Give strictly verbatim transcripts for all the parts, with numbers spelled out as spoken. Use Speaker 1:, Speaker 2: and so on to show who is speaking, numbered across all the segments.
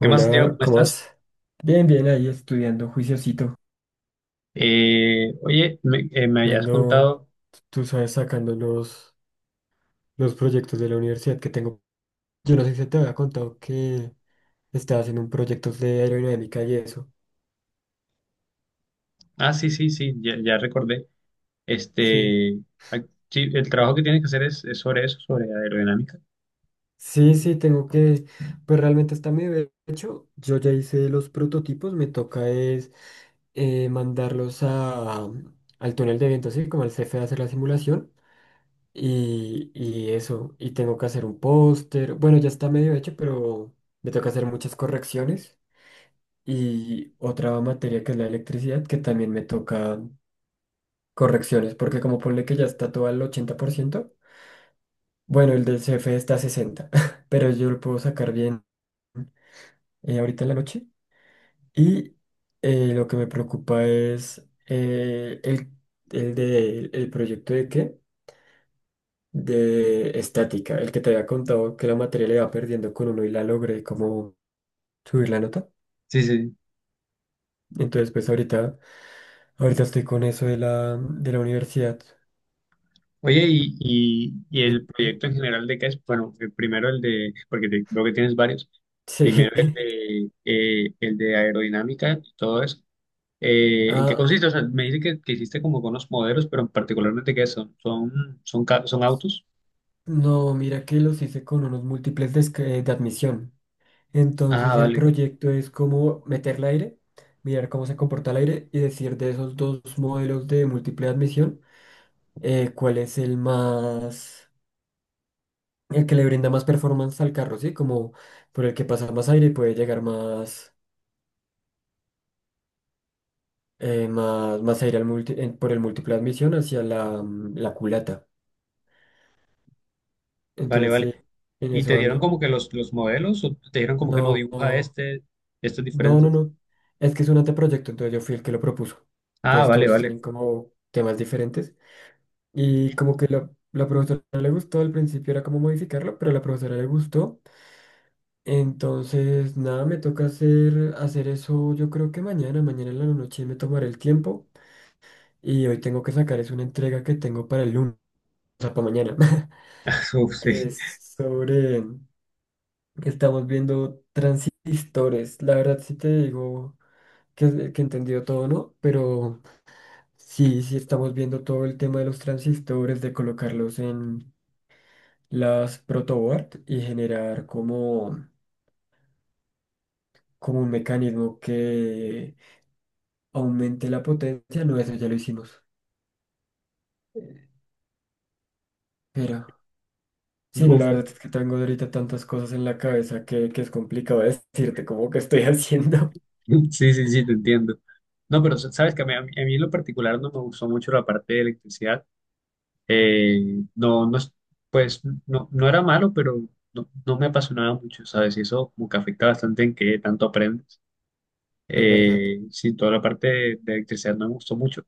Speaker 1: ¿Qué más, Diego? ¿Cómo
Speaker 2: ¿cómo
Speaker 1: estás?
Speaker 2: vas? Bien, bien, ahí estudiando, juiciosito.
Speaker 1: Eh, oye, me, eh, me habías
Speaker 2: Ando,
Speaker 1: contado.
Speaker 2: tú sabes, sacando los, los proyectos de la universidad que tengo. Yo no sé si te había contado que estaba haciendo un proyecto de aerodinámica y eso.
Speaker 1: Ah, sí, sí, sí, ya, ya recordé.
Speaker 2: Sí,
Speaker 1: Este, ah, sí, el trabajo que tienes que hacer es, es sobre eso, sobre aerodinámica.
Speaker 2: sí, sí, tengo que, pues realmente está medio hecho. Yo ya hice los prototipos, me toca es eh, mandarlos a, al túnel de viento, así como al C F E a hacer la simulación. Y, y eso, y tengo que hacer un póster. Bueno, ya está medio hecho, pero me toca hacer muchas correcciones. Y otra materia que es la electricidad, que también me toca correcciones, porque como ponle que ya está todo al ochenta por ciento, bueno, el del C F está a sesenta por ciento, pero yo lo puedo sacar bien eh, ahorita en la noche. Y eh, lo que me preocupa es eh, el, el, de, el proyecto de qué. De estática, el que te había contado que la materia le iba perdiendo con uno y la logré como subir la nota.
Speaker 1: Sí, sí.
Speaker 2: Entonces, pues ahorita, ahorita estoy con eso de la, de la universidad.
Speaker 1: Oye, y, y, y
Speaker 2: Dime.
Speaker 1: el proyecto en general de qué es, bueno, el primero el de, porque te- veo que tienes varios.
Speaker 2: Sí.
Speaker 1: Primero el de, eh, el de aerodinámica y todo eso. Eh, ¿en qué
Speaker 2: Ah,
Speaker 1: consiste? O sea, me dice que, que hiciste como con los modelos, pero particularmente qué son, son, son, ca- son autos.
Speaker 2: no, mira que los hice con unos múltiples de, esc- eh, de admisión.
Speaker 1: Ah,
Speaker 2: Entonces el
Speaker 1: vale.
Speaker 2: proyecto es como meter el aire, mirar cómo se comporta el aire y decir de esos dos modelos de múltiple admisión, eh, cuál es el más, el que le brinda más performance al carro, ¿sí? Como por el que pasa más aire y puede llegar más, eh, más, más aire al multi- en- por el múltiple de admisión hacia la, mm, la culata.
Speaker 1: Vale,
Speaker 2: Entonces,
Speaker 1: vale.
Speaker 2: sí, en
Speaker 1: ¿Y
Speaker 2: eso
Speaker 1: te dieron
Speaker 2: ando.
Speaker 1: como que los, los modelos o te dieron como que no
Speaker 2: No,
Speaker 1: dibuja este, estos
Speaker 2: no, no,
Speaker 1: diferentes?
Speaker 2: no. Es que es un anteproyecto, entonces yo fui el que lo propuso.
Speaker 1: Ah,
Speaker 2: Entonces
Speaker 1: vale,
Speaker 2: todos
Speaker 1: vale.
Speaker 2: tienen como temas diferentes. Y como que la, la profesora no le gustó, al principio era como modificarlo, pero a la profesora le gustó. Entonces, nada, me toca hacer, hacer eso. Yo creo que mañana, mañana en la noche me tomaré el tiempo, y hoy tengo que sacar es una entrega que tengo para el lunes, o sea, para mañana,
Speaker 1: Uf,
Speaker 2: que
Speaker 1: sí.
Speaker 2: es sobre, que estamos viendo historias. La verdad sí te digo que, que entendió todo, ¿no? Pero sí, sí estamos viendo todo el tema de los transistores, de colocarlos en las protoboard y generar como, como un mecanismo que aumente la potencia. No, eso ya lo hicimos. Eh, Pero, sí, no, la
Speaker 1: Uf.
Speaker 2: verdad es que tengo ahorita tantas cosas en la cabeza que, que es complicado decirte cómo que estoy haciendo.
Speaker 1: Sí, sí, sí, te entiendo. No, pero sa- sabes que a mí, a mí- a mí en lo particular no me gustó mucho la parte de electricidad. Eh, no, no, es- pues no, no era malo, pero no, no me apasionaba mucho, ¿sabes? Y eso como que afecta bastante en qué tanto aprendes.
Speaker 2: Es verdad,
Speaker 1: Eh, sí, toda la parte de, de electricidad no me gustó mucho.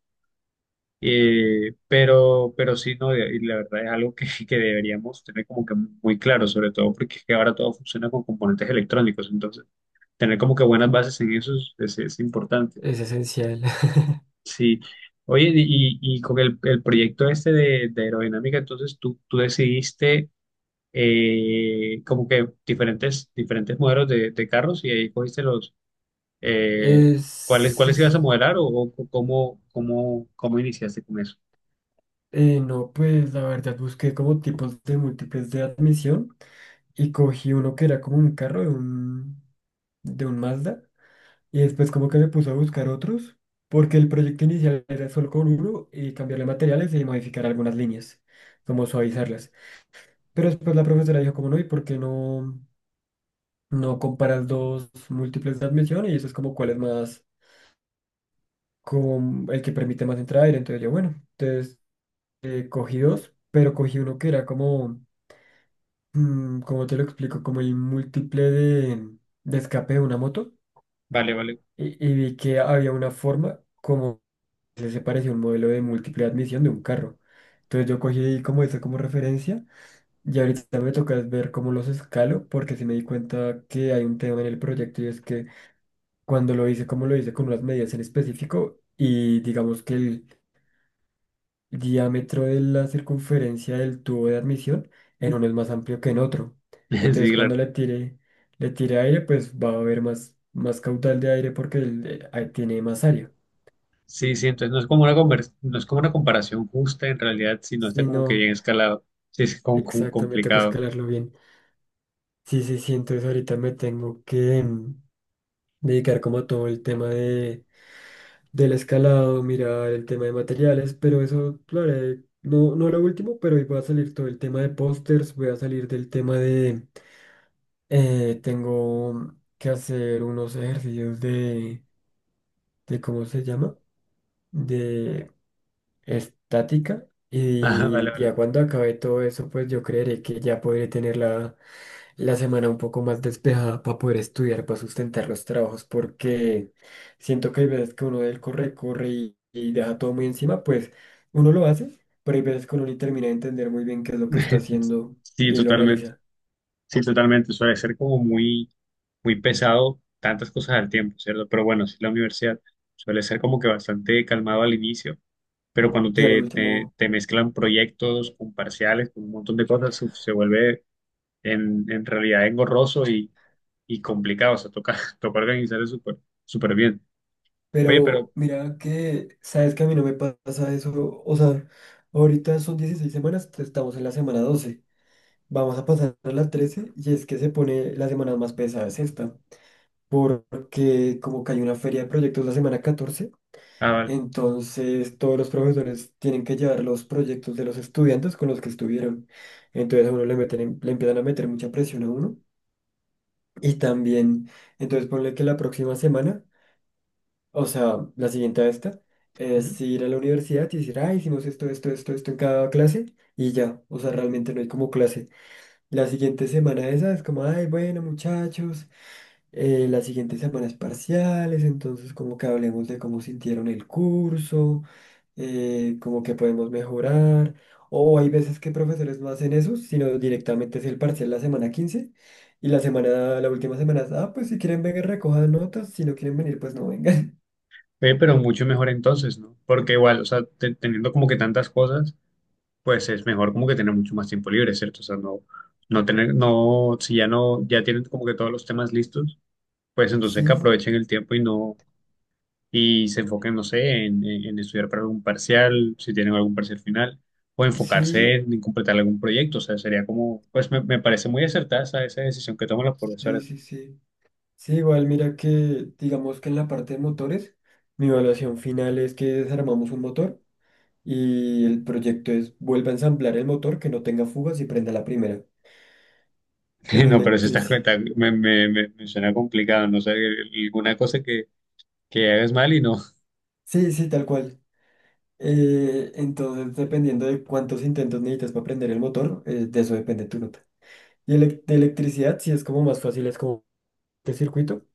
Speaker 1: Eh, pero, pero sí, no, y la verdad es algo que, que deberíamos tener como que muy claro, sobre todo porque es que ahora todo funciona con componentes electrónicos, entonces tener como que buenas bases en eso es, es- es importante.
Speaker 2: es esencial.
Speaker 1: Sí, oye, y, y con el, el proyecto este de, de aerodinámica, entonces tú, tú decidiste eh, como que diferentes, diferentes modelos de, de carros y ahí cogiste los, eh, ¿cuáles,
Speaker 2: Es,
Speaker 1: cuáles ibas a
Speaker 2: es-
Speaker 1: modelar o, o cómo, cómo, cómo iniciaste con eso?
Speaker 2: eh, no, pues la verdad busqué como tipos de múltiples de admisión y cogí uno que era como un carro de un, de un Mazda y después como que me puse a buscar otros porque el proyecto inicial era solo con uno y cambiarle materiales y modificar algunas líneas, como suavizarlas. Pero después la profesora dijo como no, ¿y por qué no, no comparas dos múltiples de admisión? Y eso es como cuál es más, como el que permite más entrada aire. Entonces yo, bueno, entonces eh, cogí dos, pero cogí uno que era como, mm, ¿cómo te lo explico? Como el múltiple de, de escape de una moto.
Speaker 1: Vale, vale.
Speaker 2: Y, y vi que había una forma como que se parecía a un modelo de múltiple de admisión de un carro. Entonces yo cogí como eso como referencia. Y ahorita me toca es ver cómo los escalo, porque sí me di cuenta que hay un tema en el proyecto y es que cuando lo hice, como lo hice con unas medidas en específico y digamos que el diámetro de la circunferencia del tubo de admisión en uno es más amplio que en otro.
Speaker 1: Sí,
Speaker 2: Entonces cuando
Speaker 1: claro.
Speaker 2: le tire, le tire aire, pues va a haber más, más caudal de aire porque el- eh, ahí tiene más área.
Speaker 1: Sí, sí, entonces no es como una conver- no es como una comparación justa en realidad, sino está
Speaker 2: Si
Speaker 1: como que
Speaker 2: no,
Speaker 1: bien escalado. Sí, es como, como
Speaker 2: exacto, me toca
Speaker 1: complicado.
Speaker 2: escalarlo bien. Sí, sí, sí, entonces ahorita me tengo que mm, dedicar como a todo el tema de del escalado, mirar el tema de materiales, pero eso lo haré, no, no lo último, pero hoy va a salir todo el tema de pósters, voy a salir del tema de, eh, tengo que hacer unos ejercicios de, de, ¿cómo se llama? De estática.
Speaker 1: Ajá, vale,
Speaker 2: Y ya
Speaker 1: vale.
Speaker 2: cuando acabe todo eso, pues yo creeré que ya podré tener la, la semana un poco más despejada para poder estudiar, para sustentar los trabajos, porque siento que hay veces que uno del corre, corre y, y deja todo muy encima, pues uno lo hace, pero hay veces que uno ni termina de entender muy bien qué es lo que está haciendo
Speaker 1: Sí,
Speaker 2: y lo
Speaker 1: totalmente.
Speaker 2: analiza.
Speaker 1: Sí, totalmente. Suele ser como muy, muy pesado tantas cosas al tiempo, ¿cierto? Pero bueno, sí, la universidad suele ser como que bastante calmado al inicio, pero cuando
Speaker 2: Y al
Speaker 1: te, te,
Speaker 2: último,
Speaker 1: te mezclan proyectos con parciales, con un montón de cosas, uf, se vuelve en, en realidad engorroso y, y complicado. O sea, toca, toca organizar eso súper súper bien. Oye, pero
Speaker 2: pero mira que, sabes que a mí no me pasa eso, o sea, ahorita son dieciséis semanas, estamos en la semana doce. Vamos a pasar a la trece y es que se pone la semana más pesada es esta, porque como que hay una feria de proyectos la semana catorce,
Speaker 1: ah, vale.
Speaker 2: entonces todos los profesores tienen que llevar los proyectos de los estudiantes con los que estuvieron. Entonces a uno le meten, en- le empiezan a meter mucha presión a uno. Y también, entonces ponle que la próxima semana, o sea, la siguiente a esta, es
Speaker 1: Ujú.
Speaker 2: ir a la universidad y decir, ah, hicimos esto, esto, esto, esto en cada clase y ya, o sea, realmente no hay como clase. La siguiente semana esa es como, ay, bueno, muchachos. Eh, las siguientes semanas parciales, entonces como que hablemos de cómo sintieron el curso, eh, como que podemos mejorar. O hay veces que profesores no hacen eso, sino directamente es el parcial la semana quince y la semana, la última semana, es, ah, pues si quieren vengan recojan notas, si no quieren venir, pues no vengan.
Speaker 1: Ve, pero mucho mejor entonces, ¿no? Porque igual, o sea, te- teniendo como que tantas cosas, pues es mejor como que tener mucho más tiempo libre, ¿cierto? O sea, no, no tener, no, si ya no, ya tienen como que todos los temas listos, pues entonces que
Speaker 2: Sí,
Speaker 1: aprovechen el tiempo y no, y se enfoquen, no sé, en, en- en estudiar para algún parcial, si tienen algún parcial final, o enfocarse
Speaker 2: sí,
Speaker 1: en, en completar algún proyecto, o sea, sería como, pues me, me parece muy acertada esa, esa decisión que toman los
Speaker 2: sí,
Speaker 1: profesores, ¿no?
Speaker 2: sí, sí. Sí, igual mira que digamos que en la parte de motores, mi evaluación final es que desarmamos un motor. Y el proyecto es vuelva a ensamblar el motor que no tenga fugas y prenda la primera. En
Speaker 1: No, pero si estás
Speaker 2: electricidad.
Speaker 1: cuenta, me, me, me, me suena complicado, no sé, alguna cosa que, que hagas mal y no.
Speaker 2: Sí, sí, tal cual. Eh, entonces, dependiendo de cuántos intentos necesitas para prender el motor, eh, de eso depende tu nota. Y elec- de electricidad, sí es como más fácil, es como este circuito.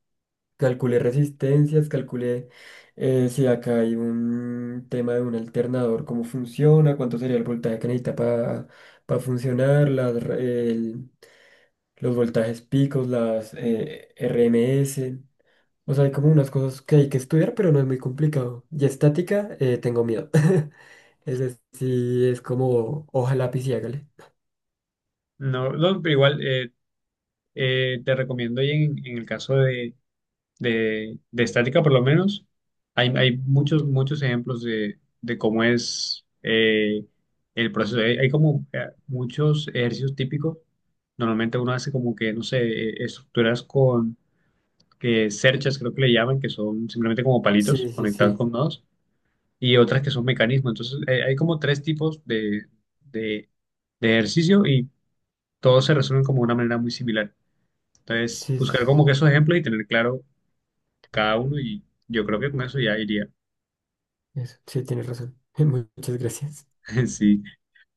Speaker 2: Calculé resistencias, calculé eh, si acá hay un tema de un alternador, cómo funciona, cuánto sería el voltaje que necesita para funcionar, las, los voltajes picos, las eh, R M S. O sea, hay como unas cosas que hay que estudiar, pero no es muy complicado. Y estática, eh, tengo miedo. Es decir, es como hoja, lápiz y hágale.
Speaker 1: No, no, pero igual eh, eh, Te recomiendo y en, en el caso de, de, de estática por lo menos, hay, hay muchos, muchos ejemplos de, de cómo es eh, el proceso. Hay, hay como eh, muchos ejercicios típicos. Normalmente uno hace como que, no sé, eh, estructuras con que cerchas, creo que le llaman, que son simplemente como palitos
Speaker 2: Sí, sí,
Speaker 1: conectados
Speaker 2: sí.
Speaker 1: con nodos y otras que son mecanismos. Entonces, eh, hay como tres tipos de, de, de ejercicio y todos se resuelven como de una manera muy similar. Entonces,
Speaker 2: Sí,
Speaker 1: buscar como
Speaker 2: sí,
Speaker 1: que esos ejemplos y tener claro cada uno y yo creo que con eso ya iría.
Speaker 2: eso, sí, tienes razón. Muchas gracias.
Speaker 1: Sí.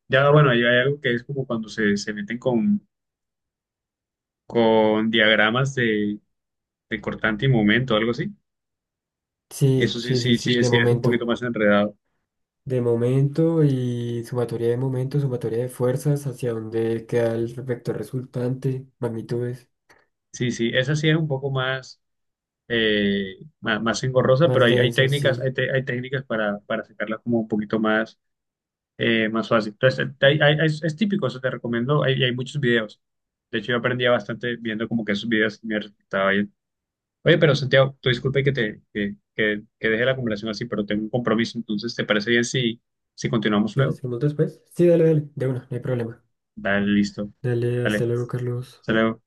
Speaker 1: Ya, bueno, ahí hay algo que es como cuando se, se meten con, con diagramas de, de cortante y momento, algo así.
Speaker 2: Sí,
Speaker 1: Eso sí,
Speaker 2: sí, sí,
Speaker 1: sí,
Speaker 2: sí,
Speaker 1: sí,
Speaker 2: de
Speaker 1: sí, es un
Speaker 2: momento.
Speaker 1: poquito más enredado.
Speaker 2: De momento y sumatoria de momento, sumatoria de fuerzas, hacia dónde queda el vector resultante, magnitudes,
Speaker 1: Sí, sí, esa sí es un poco más eh, ma- más, engorrosa, pero
Speaker 2: más
Speaker 1: hay, hay
Speaker 2: denso,
Speaker 1: técnicas,
Speaker 2: sí.
Speaker 1: hay, te- hay técnicas para, para sacarla como un poquito más, eh, más fácil. Entonces, hay- hay- es, es típico, eso te recomiendo, hay, hay muchos videos. De hecho, yo aprendía bastante viendo como que esos videos me resultaba bien. Oye, pero Santiago, tú disculpe que te que, que, que deje la conversación así, pero tengo un compromiso, entonces, ¿te parece bien si, si continuamos
Speaker 2: ¿Sí lo
Speaker 1: luego?
Speaker 2: hacemos después? Sí, dale, dale, de una, no hay problema.
Speaker 1: Dale, listo.
Speaker 2: Dale, hasta
Speaker 1: Dale,
Speaker 2: luego, Carlos.
Speaker 1: hasta luego.